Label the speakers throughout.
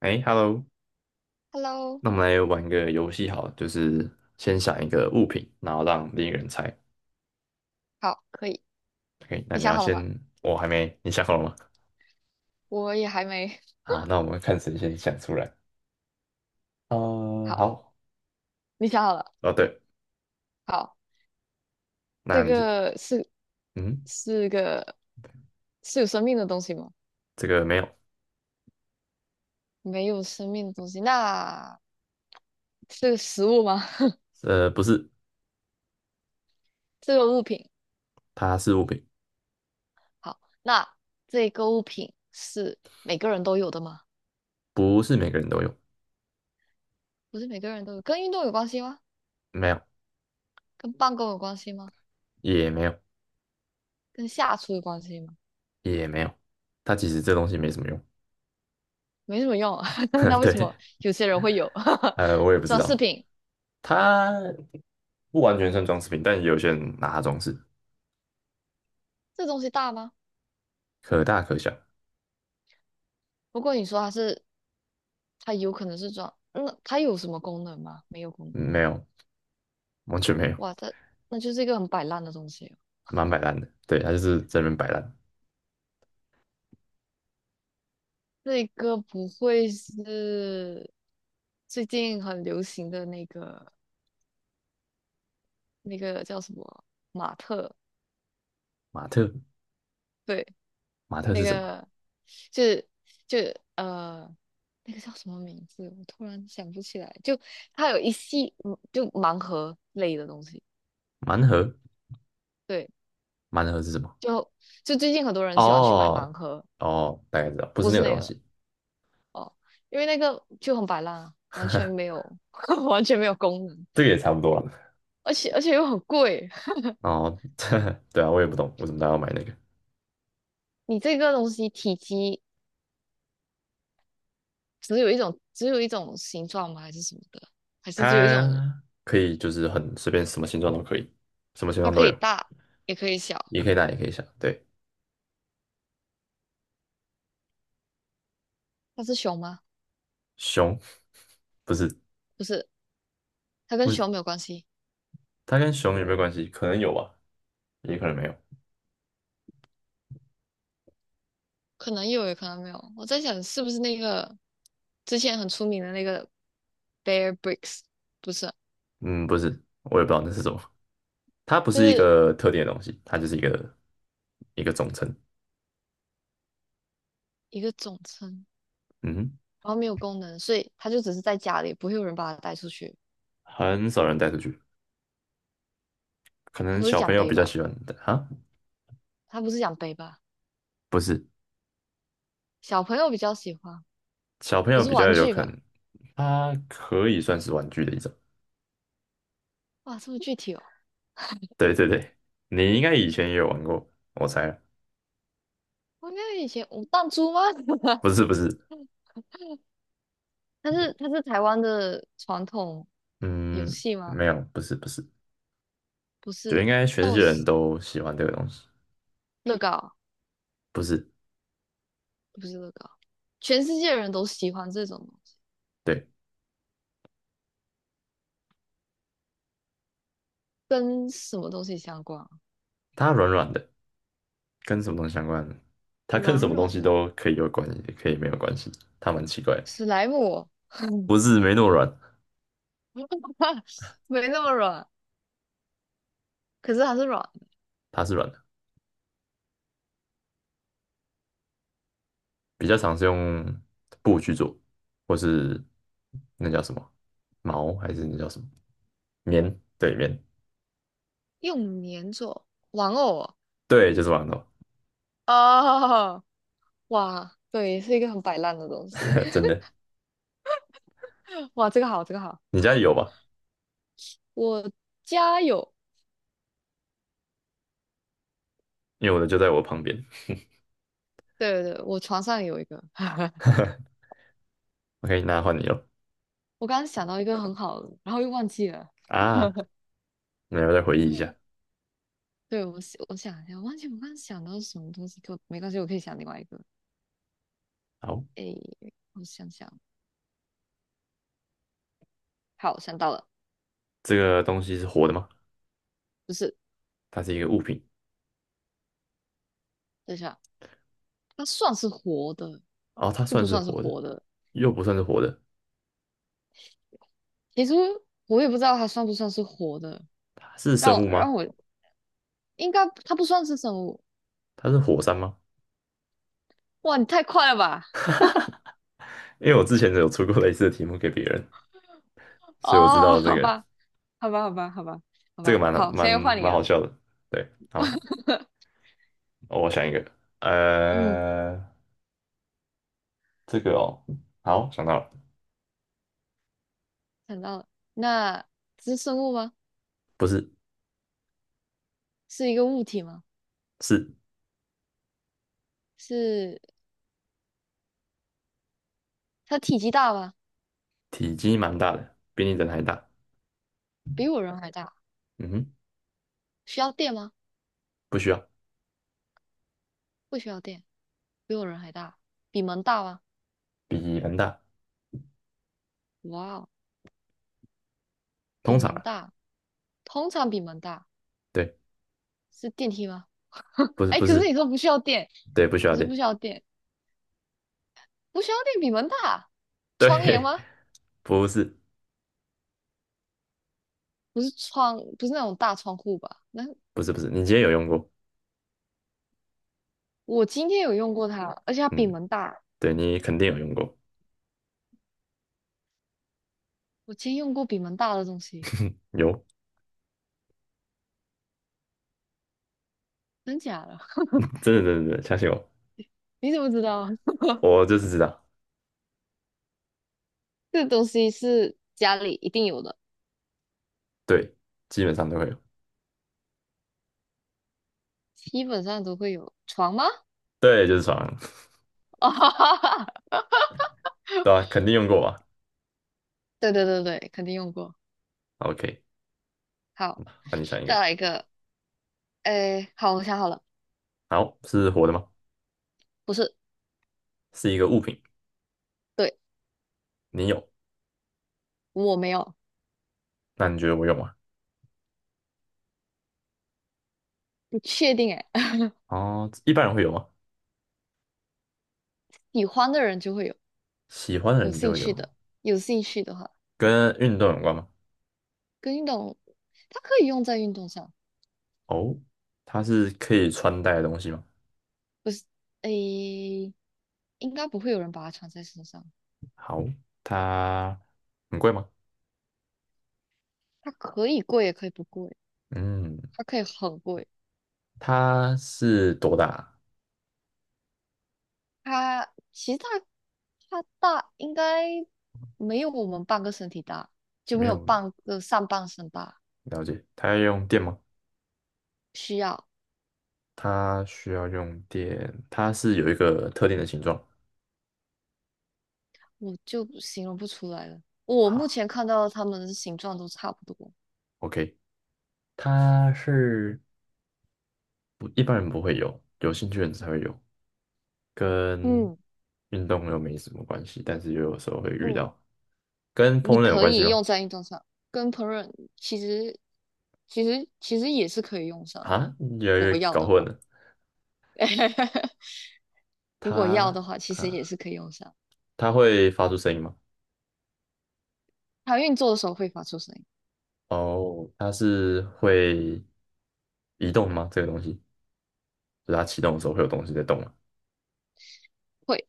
Speaker 1: 哎，Hello，
Speaker 2: Hello，
Speaker 1: 那我们来玩个游戏好了，就是先想一个物品，然后让另一个人猜。
Speaker 2: 好，可以。
Speaker 1: OK，那
Speaker 2: 你
Speaker 1: 你
Speaker 2: 想
Speaker 1: 要
Speaker 2: 好了
Speaker 1: 先，
Speaker 2: 吗？
Speaker 1: 我还没，你想好了吗？
Speaker 2: 我也还没。
Speaker 1: 好，那我们看谁先想出来。
Speaker 2: 好，
Speaker 1: 好，
Speaker 2: 你想好了。
Speaker 1: 哦对，
Speaker 2: 好，
Speaker 1: 那
Speaker 2: 这
Speaker 1: 你是，
Speaker 2: 个是
Speaker 1: 嗯，
Speaker 2: 是个是有生命的东西吗？
Speaker 1: 这个没有，
Speaker 2: 没有生命的东西，那是个食物吗？
Speaker 1: 不是，
Speaker 2: 这个物品。
Speaker 1: 它是物品，
Speaker 2: 好，那这个物品是每个人都有的吗？
Speaker 1: 不是每个人都有，
Speaker 2: 不是每个人都有，跟运动有关系吗？
Speaker 1: 没有，
Speaker 2: 跟办公有关系吗？
Speaker 1: 也没有，
Speaker 2: 跟下厨有关系吗？
Speaker 1: 也没有，它其实这东西没什么用。
Speaker 2: 没什么用啊，那 为什
Speaker 1: 对，
Speaker 2: 么有些人会有？
Speaker 1: 我也不知
Speaker 2: 装饰
Speaker 1: 道，
Speaker 2: 品，
Speaker 1: 它不完全算装饰品，但也有些人拿它装饰，
Speaker 2: 这东西大吗？
Speaker 1: 可大可小，
Speaker 2: 不过你说它是它有可能是装，那它有什么功能吗？没有功能。
Speaker 1: 没有，完全没有。
Speaker 2: 哇，它那就是一个很摆烂的东西哦。
Speaker 1: 蛮摆烂的。对，他就是在那边摆烂。
Speaker 2: 那个不会是最近很流行的那个那个叫什么马特？
Speaker 1: 马特，
Speaker 2: 对，
Speaker 1: 马特
Speaker 2: 那
Speaker 1: 是什么？
Speaker 2: 个就是就呃那个叫什么名字？我突然想不起来。就它有一系就盲盒类的东西，
Speaker 1: 盲盒，
Speaker 2: 对，
Speaker 1: 盲盒是什么？
Speaker 2: 就就最近很多人喜欢去买盲
Speaker 1: 哦，
Speaker 2: 盒，
Speaker 1: 哦，大概知道，不是
Speaker 2: 不
Speaker 1: 那
Speaker 2: 是
Speaker 1: 个
Speaker 2: 那
Speaker 1: 东
Speaker 2: 个。
Speaker 1: 西。
Speaker 2: 哦，因为那个就很摆烂啊，完全没 有 完全没有功能，
Speaker 1: 这个也差不多了。
Speaker 2: 而且又很贵。
Speaker 1: 哦，对啊，我也不懂为什么大家要买那个。
Speaker 2: 你这个东西体积只有一种，只有一种形状吗？还是什么的？还是只有一种？
Speaker 1: 它可以就是很随便，什么形状都可以，什么形
Speaker 2: 它
Speaker 1: 状都
Speaker 2: 可以
Speaker 1: 有，
Speaker 2: 大，也可以小。
Speaker 1: 也可以大也可以小。对，
Speaker 2: 它是熊吗？
Speaker 1: 熊不是，
Speaker 2: 不是，它跟
Speaker 1: 不是，
Speaker 2: 熊没有关系，
Speaker 1: 它跟熊有没有关系？可能有吧，也可能没有。
Speaker 2: 可能有，也可能没有。我在想是不是那个之前很出名的那个 Bear Bricks，不是，
Speaker 1: 嗯，不是，我也不知道那是什么。它不
Speaker 2: 就
Speaker 1: 是一
Speaker 2: 是
Speaker 1: 个特定的东西，它就是一个总称。
Speaker 2: 一个总称，
Speaker 1: 嗯哼，
Speaker 2: 然后没有功能，所以它就只是在家里，不会有人把它带出去。
Speaker 1: 很少人带出去，可
Speaker 2: 它
Speaker 1: 能
Speaker 2: 不是
Speaker 1: 小朋
Speaker 2: 奖
Speaker 1: 友
Speaker 2: 杯
Speaker 1: 比较
Speaker 2: 吧？
Speaker 1: 喜欢带哈，
Speaker 2: 它不是奖杯吧？
Speaker 1: 不是，
Speaker 2: 小朋友比较喜欢，
Speaker 1: 小朋
Speaker 2: 不
Speaker 1: 友
Speaker 2: 是
Speaker 1: 比较
Speaker 2: 玩
Speaker 1: 有
Speaker 2: 具
Speaker 1: 可
Speaker 2: 吧？
Speaker 1: 能，它可以算是玩具的一种。
Speaker 2: 哇，这么具体哦！
Speaker 1: 对对对，你应该以前也有玩过，我猜。
Speaker 2: 我那以前我弹珠吗？
Speaker 1: 不是不是，
Speaker 2: 它是台湾的传统游
Speaker 1: 嗯，
Speaker 2: 戏吗？
Speaker 1: 没有，不是不是，
Speaker 2: 不
Speaker 1: 就应
Speaker 2: 是，
Speaker 1: 该全
Speaker 2: 但
Speaker 1: 世界
Speaker 2: 我
Speaker 1: 人
Speaker 2: 是
Speaker 1: 都喜欢这个东西，
Speaker 2: 乐高，
Speaker 1: 不是，
Speaker 2: 不是乐高，全世界人都喜欢这种东西，
Speaker 1: 对，
Speaker 2: 跟什么东西相关啊？
Speaker 1: 它软软的，跟什么东西相关的？它跟
Speaker 2: 软
Speaker 1: 什么东
Speaker 2: 软
Speaker 1: 西
Speaker 2: 的
Speaker 1: 都可以有关系，也可以没有关系。它蛮奇怪的，
Speaker 2: 史莱姆哦，
Speaker 1: 不是没那么软，
Speaker 2: 没那么软，可是它是软的，
Speaker 1: 它是软的，比较常是用布去做，或是那叫什么毛，还是那叫什么棉？对，棉，
Speaker 2: 用粘做玩偶。
Speaker 1: 对，就是馒头，
Speaker 2: 哦，哦，哇，对，是一个很摆烂的东西。
Speaker 1: 真 的。
Speaker 2: 哇，这个好，这个好。
Speaker 1: 你家里有吧？
Speaker 2: 我家有，
Speaker 1: 因为我的就在我旁边。
Speaker 2: 对对对，我床上有一个。
Speaker 1: OK，那换你了。
Speaker 2: 我刚刚想到一个很好的，然后又忘记了。
Speaker 1: 啊，那要再回忆一下。
Speaker 2: 对，我想一下，我忘记我刚刚想到什么东西，可没关系，我可以想另外一个。
Speaker 1: 好，
Speaker 2: 诶，我想想，好，想到了，
Speaker 1: 这个东西是活的吗？
Speaker 2: 不是，
Speaker 1: 它是一个物品，
Speaker 2: 等一下，它算是活的，
Speaker 1: 哦，它
Speaker 2: 就不
Speaker 1: 算是
Speaker 2: 算是
Speaker 1: 活的，
Speaker 2: 活的。
Speaker 1: 又不算是活的。
Speaker 2: 其实我也不知道它算不算是活的，
Speaker 1: 它是
Speaker 2: 让
Speaker 1: 生
Speaker 2: 我
Speaker 1: 物吗？
Speaker 2: 让我应该它不算是生物。
Speaker 1: 它是火山吗？
Speaker 2: 哇，你太快了吧！
Speaker 1: 因为我之前有出过类似的题目给别人，所以我知
Speaker 2: 哦，
Speaker 1: 道这
Speaker 2: 好
Speaker 1: 个。
Speaker 2: 吧，好吧，好吧，好吧，好
Speaker 1: 这个
Speaker 2: 吧，
Speaker 1: 蛮好，
Speaker 2: 好，现
Speaker 1: 蛮
Speaker 2: 在又换你
Speaker 1: 蛮好
Speaker 2: 了。
Speaker 1: 笑的。对，好，哦我想一个，
Speaker 2: 嗯，
Speaker 1: 呃，这个哦，好，想到了，
Speaker 2: 想到了，那这是生物吗？
Speaker 1: 不是，
Speaker 2: 是一个物体吗？
Speaker 1: 是。
Speaker 2: 是它体积大吗？
Speaker 1: 体积蛮大的，比你人还大。
Speaker 2: 比我人还大。
Speaker 1: 嗯哼，
Speaker 2: 需要电吗？
Speaker 1: 不需要，
Speaker 2: 不需要电，比我人还大。比门大吗？
Speaker 1: 比人大，
Speaker 2: 哇哦，比
Speaker 1: 通常
Speaker 2: 门
Speaker 1: 啊，
Speaker 2: 大，通常比门大。
Speaker 1: 对，
Speaker 2: 是电梯吗？
Speaker 1: 不是
Speaker 2: 哎，
Speaker 1: 不
Speaker 2: 可是
Speaker 1: 是，
Speaker 2: 你说不需要电，
Speaker 1: 对，不需要
Speaker 2: 你说
Speaker 1: 电，
Speaker 2: 不需要电，不需要电比门大。窗帘
Speaker 1: 对，
Speaker 2: 吗？
Speaker 1: 不是
Speaker 2: 不是窗，不是那种大窗户吧？那
Speaker 1: 不是不是，你今天有用过，
Speaker 2: 我今天有用过它，而且它比
Speaker 1: 嗯，
Speaker 2: 门大。
Speaker 1: 对你肯定有用过，
Speaker 2: 我今天用过比门大的东西，
Speaker 1: 有，
Speaker 2: 真假的？
Speaker 1: 真的真的真的，相信我，
Speaker 2: 你怎么知道？
Speaker 1: 我就是知道，
Speaker 2: 这个东西是家里一定有的，
Speaker 1: 对，基本上都会有，
Speaker 2: 基本上都会有。床吗？
Speaker 1: 对，就是床。
Speaker 2: 哦，
Speaker 1: 对啊，肯定用过吧
Speaker 2: 对对对对，肯定用过。
Speaker 1: ？OK，
Speaker 2: 好，
Speaker 1: 那你想一个，
Speaker 2: 再来一个。哎，好，我想好了，
Speaker 1: 好，是活的吗？
Speaker 2: 不是，
Speaker 1: 是一个物品，
Speaker 2: 对，
Speaker 1: 你有，
Speaker 2: 我没有，
Speaker 1: 那你觉得我有吗？
Speaker 2: 不确定。哎，
Speaker 1: 哦，一般人会有吗？
Speaker 2: 喜欢的人就会有，
Speaker 1: 喜欢的
Speaker 2: 有
Speaker 1: 人就
Speaker 2: 兴
Speaker 1: 会
Speaker 2: 趣
Speaker 1: 有，
Speaker 2: 的，有兴趣的话，嗯
Speaker 1: 跟运动有关吗？
Speaker 2: 跟运动，它可以用在运动上，
Speaker 1: 哦，它是可以穿戴的东西吗？
Speaker 2: 不是，哎，应该不会有人把它穿在身上。
Speaker 1: 好，它很贵吗？
Speaker 2: 它可以贵，也可以不贵。
Speaker 1: 嗯，
Speaker 2: 它可以很贵。
Speaker 1: 它是多大？
Speaker 2: 它其实它大应该没有我们半个身体大，就
Speaker 1: 没
Speaker 2: 没有
Speaker 1: 有
Speaker 2: 半个上半身大。
Speaker 1: 了解，它要用电吗？
Speaker 2: 需要
Speaker 1: 它需要用电，它是有一个特定的形状
Speaker 2: 我就形容不出来了。我目
Speaker 1: 啊。
Speaker 2: 前看到它们的形状都差不多。
Speaker 1: OK，它是不，一般人不会有，有兴趣的人才会有，跟
Speaker 2: 嗯
Speaker 1: 运动又没什么关系，但是又有时候会遇
Speaker 2: 嗯，
Speaker 1: 到，跟
Speaker 2: 你
Speaker 1: 烹饪有
Speaker 2: 可
Speaker 1: 关系
Speaker 2: 以
Speaker 1: 吗？
Speaker 2: 用在运动上，跟烹饪其实其实其实也是可以用上的。
Speaker 1: 啊，越来
Speaker 2: 如
Speaker 1: 越
Speaker 2: 果要
Speaker 1: 搞
Speaker 2: 的
Speaker 1: 混
Speaker 2: 话，
Speaker 1: 了。
Speaker 2: 如果要
Speaker 1: 它
Speaker 2: 的话，其实也
Speaker 1: 啊，
Speaker 2: 是可以用上。
Speaker 1: 它会发出声音吗？
Speaker 2: 它运作的时候会发出声音，
Speaker 1: 哦，它是会移动吗？这个东西，就是它启动的时候会有东西在动吗
Speaker 2: 会，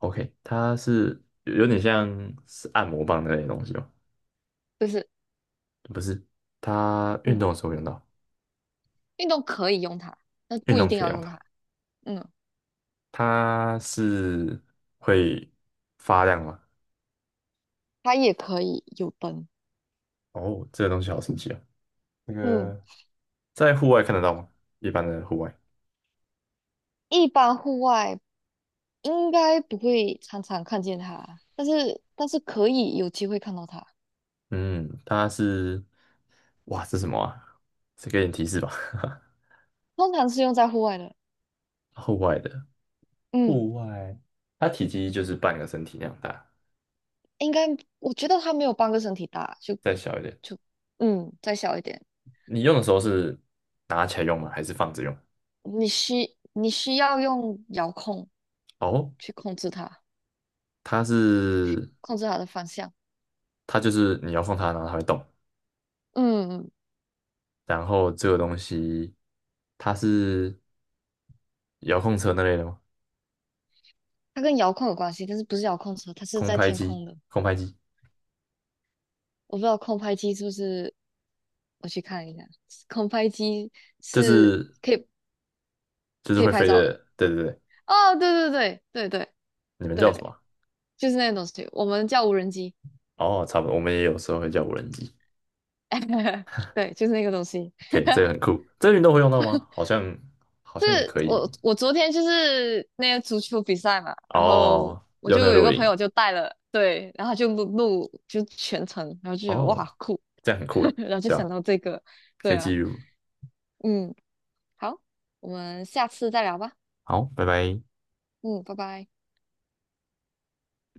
Speaker 1: ？OK，它是有有点像是按摩棒那类的东西吗？
Speaker 2: 就是
Speaker 1: 不是，它运
Speaker 2: 嗯。
Speaker 1: 动的时候会用到，
Speaker 2: 运动可以用它，但
Speaker 1: 运
Speaker 2: 不一
Speaker 1: 动
Speaker 2: 定
Speaker 1: 可以
Speaker 2: 要
Speaker 1: 用
Speaker 2: 用
Speaker 1: 它。
Speaker 2: 它。嗯，
Speaker 1: 它是会发亮吗？
Speaker 2: 它也可以有灯。
Speaker 1: 哦，这个东西好神奇啊！那
Speaker 2: 嗯，
Speaker 1: 个在户外看得到吗？一般的户外，
Speaker 2: 一般户外应该不会常常看见它，但是可以有机会看到它。
Speaker 1: 嗯，它是，哇，这是什么啊？再给点提示吧。
Speaker 2: 通常是用在户外的。
Speaker 1: 户外的，
Speaker 2: 嗯，
Speaker 1: 户外，它体积就是半个身体那样大，
Speaker 2: 应该我觉得它没有半个身体大，就
Speaker 1: 再小一点。
Speaker 2: 就嗯再小一点。
Speaker 1: 你用的时候是拿起来用吗？还是放着用？
Speaker 2: 你需要用遥控
Speaker 1: 哦，
Speaker 2: 去控制它，
Speaker 1: 它是，
Speaker 2: 控制它的方向。
Speaker 1: 它就是你遥控它，然后它会动。
Speaker 2: 嗯，嗯，
Speaker 1: 然后这个东西，它是遥控车那类的吗？
Speaker 2: 它跟遥控有关系，但是不是遥控车，它是
Speaker 1: 空
Speaker 2: 在
Speaker 1: 拍
Speaker 2: 天
Speaker 1: 机，
Speaker 2: 空的。
Speaker 1: 空拍机
Speaker 2: 我不知道空拍机是不是我去看一下，空拍机
Speaker 1: 就
Speaker 2: 是
Speaker 1: 是，
Speaker 2: 可以可以
Speaker 1: 会
Speaker 2: 拍
Speaker 1: 飞
Speaker 2: 照的。
Speaker 1: 的，对对对，
Speaker 2: 哦，对对对对对
Speaker 1: 你们叫什
Speaker 2: 对，
Speaker 1: 么啊，
Speaker 2: 就是那个东西，我们叫无人机。
Speaker 1: 哦，差不多，我们也有时候会叫无人机。
Speaker 2: 对，就是那个东西。
Speaker 1: 可以，这个很酷。这个运动会用到吗？好像好
Speaker 2: 这
Speaker 1: 像也可
Speaker 2: 我
Speaker 1: 以。
Speaker 2: 我昨天就是那个足球比赛嘛，然后
Speaker 1: 哦，
Speaker 2: 我
Speaker 1: 用那
Speaker 2: 就
Speaker 1: 个
Speaker 2: 有一
Speaker 1: 录
Speaker 2: 个朋
Speaker 1: 影，
Speaker 2: 友就带了，对，然后就录就全程，然后就觉得哇
Speaker 1: 哦，
Speaker 2: 酷，
Speaker 1: 这样很酷诶，
Speaker 2: 然后就
Speaker 1: 对吧？
Speaker 2: 想到这个，对
Speaker 1: 可以记
Speaker 2: 啊，
Speaker 1: 录。
Speaker 2: 嗯，好，我们下次再聊吧，
Speaker 1: 好，拜拜。
Speaker 2: 嗯，拜拜。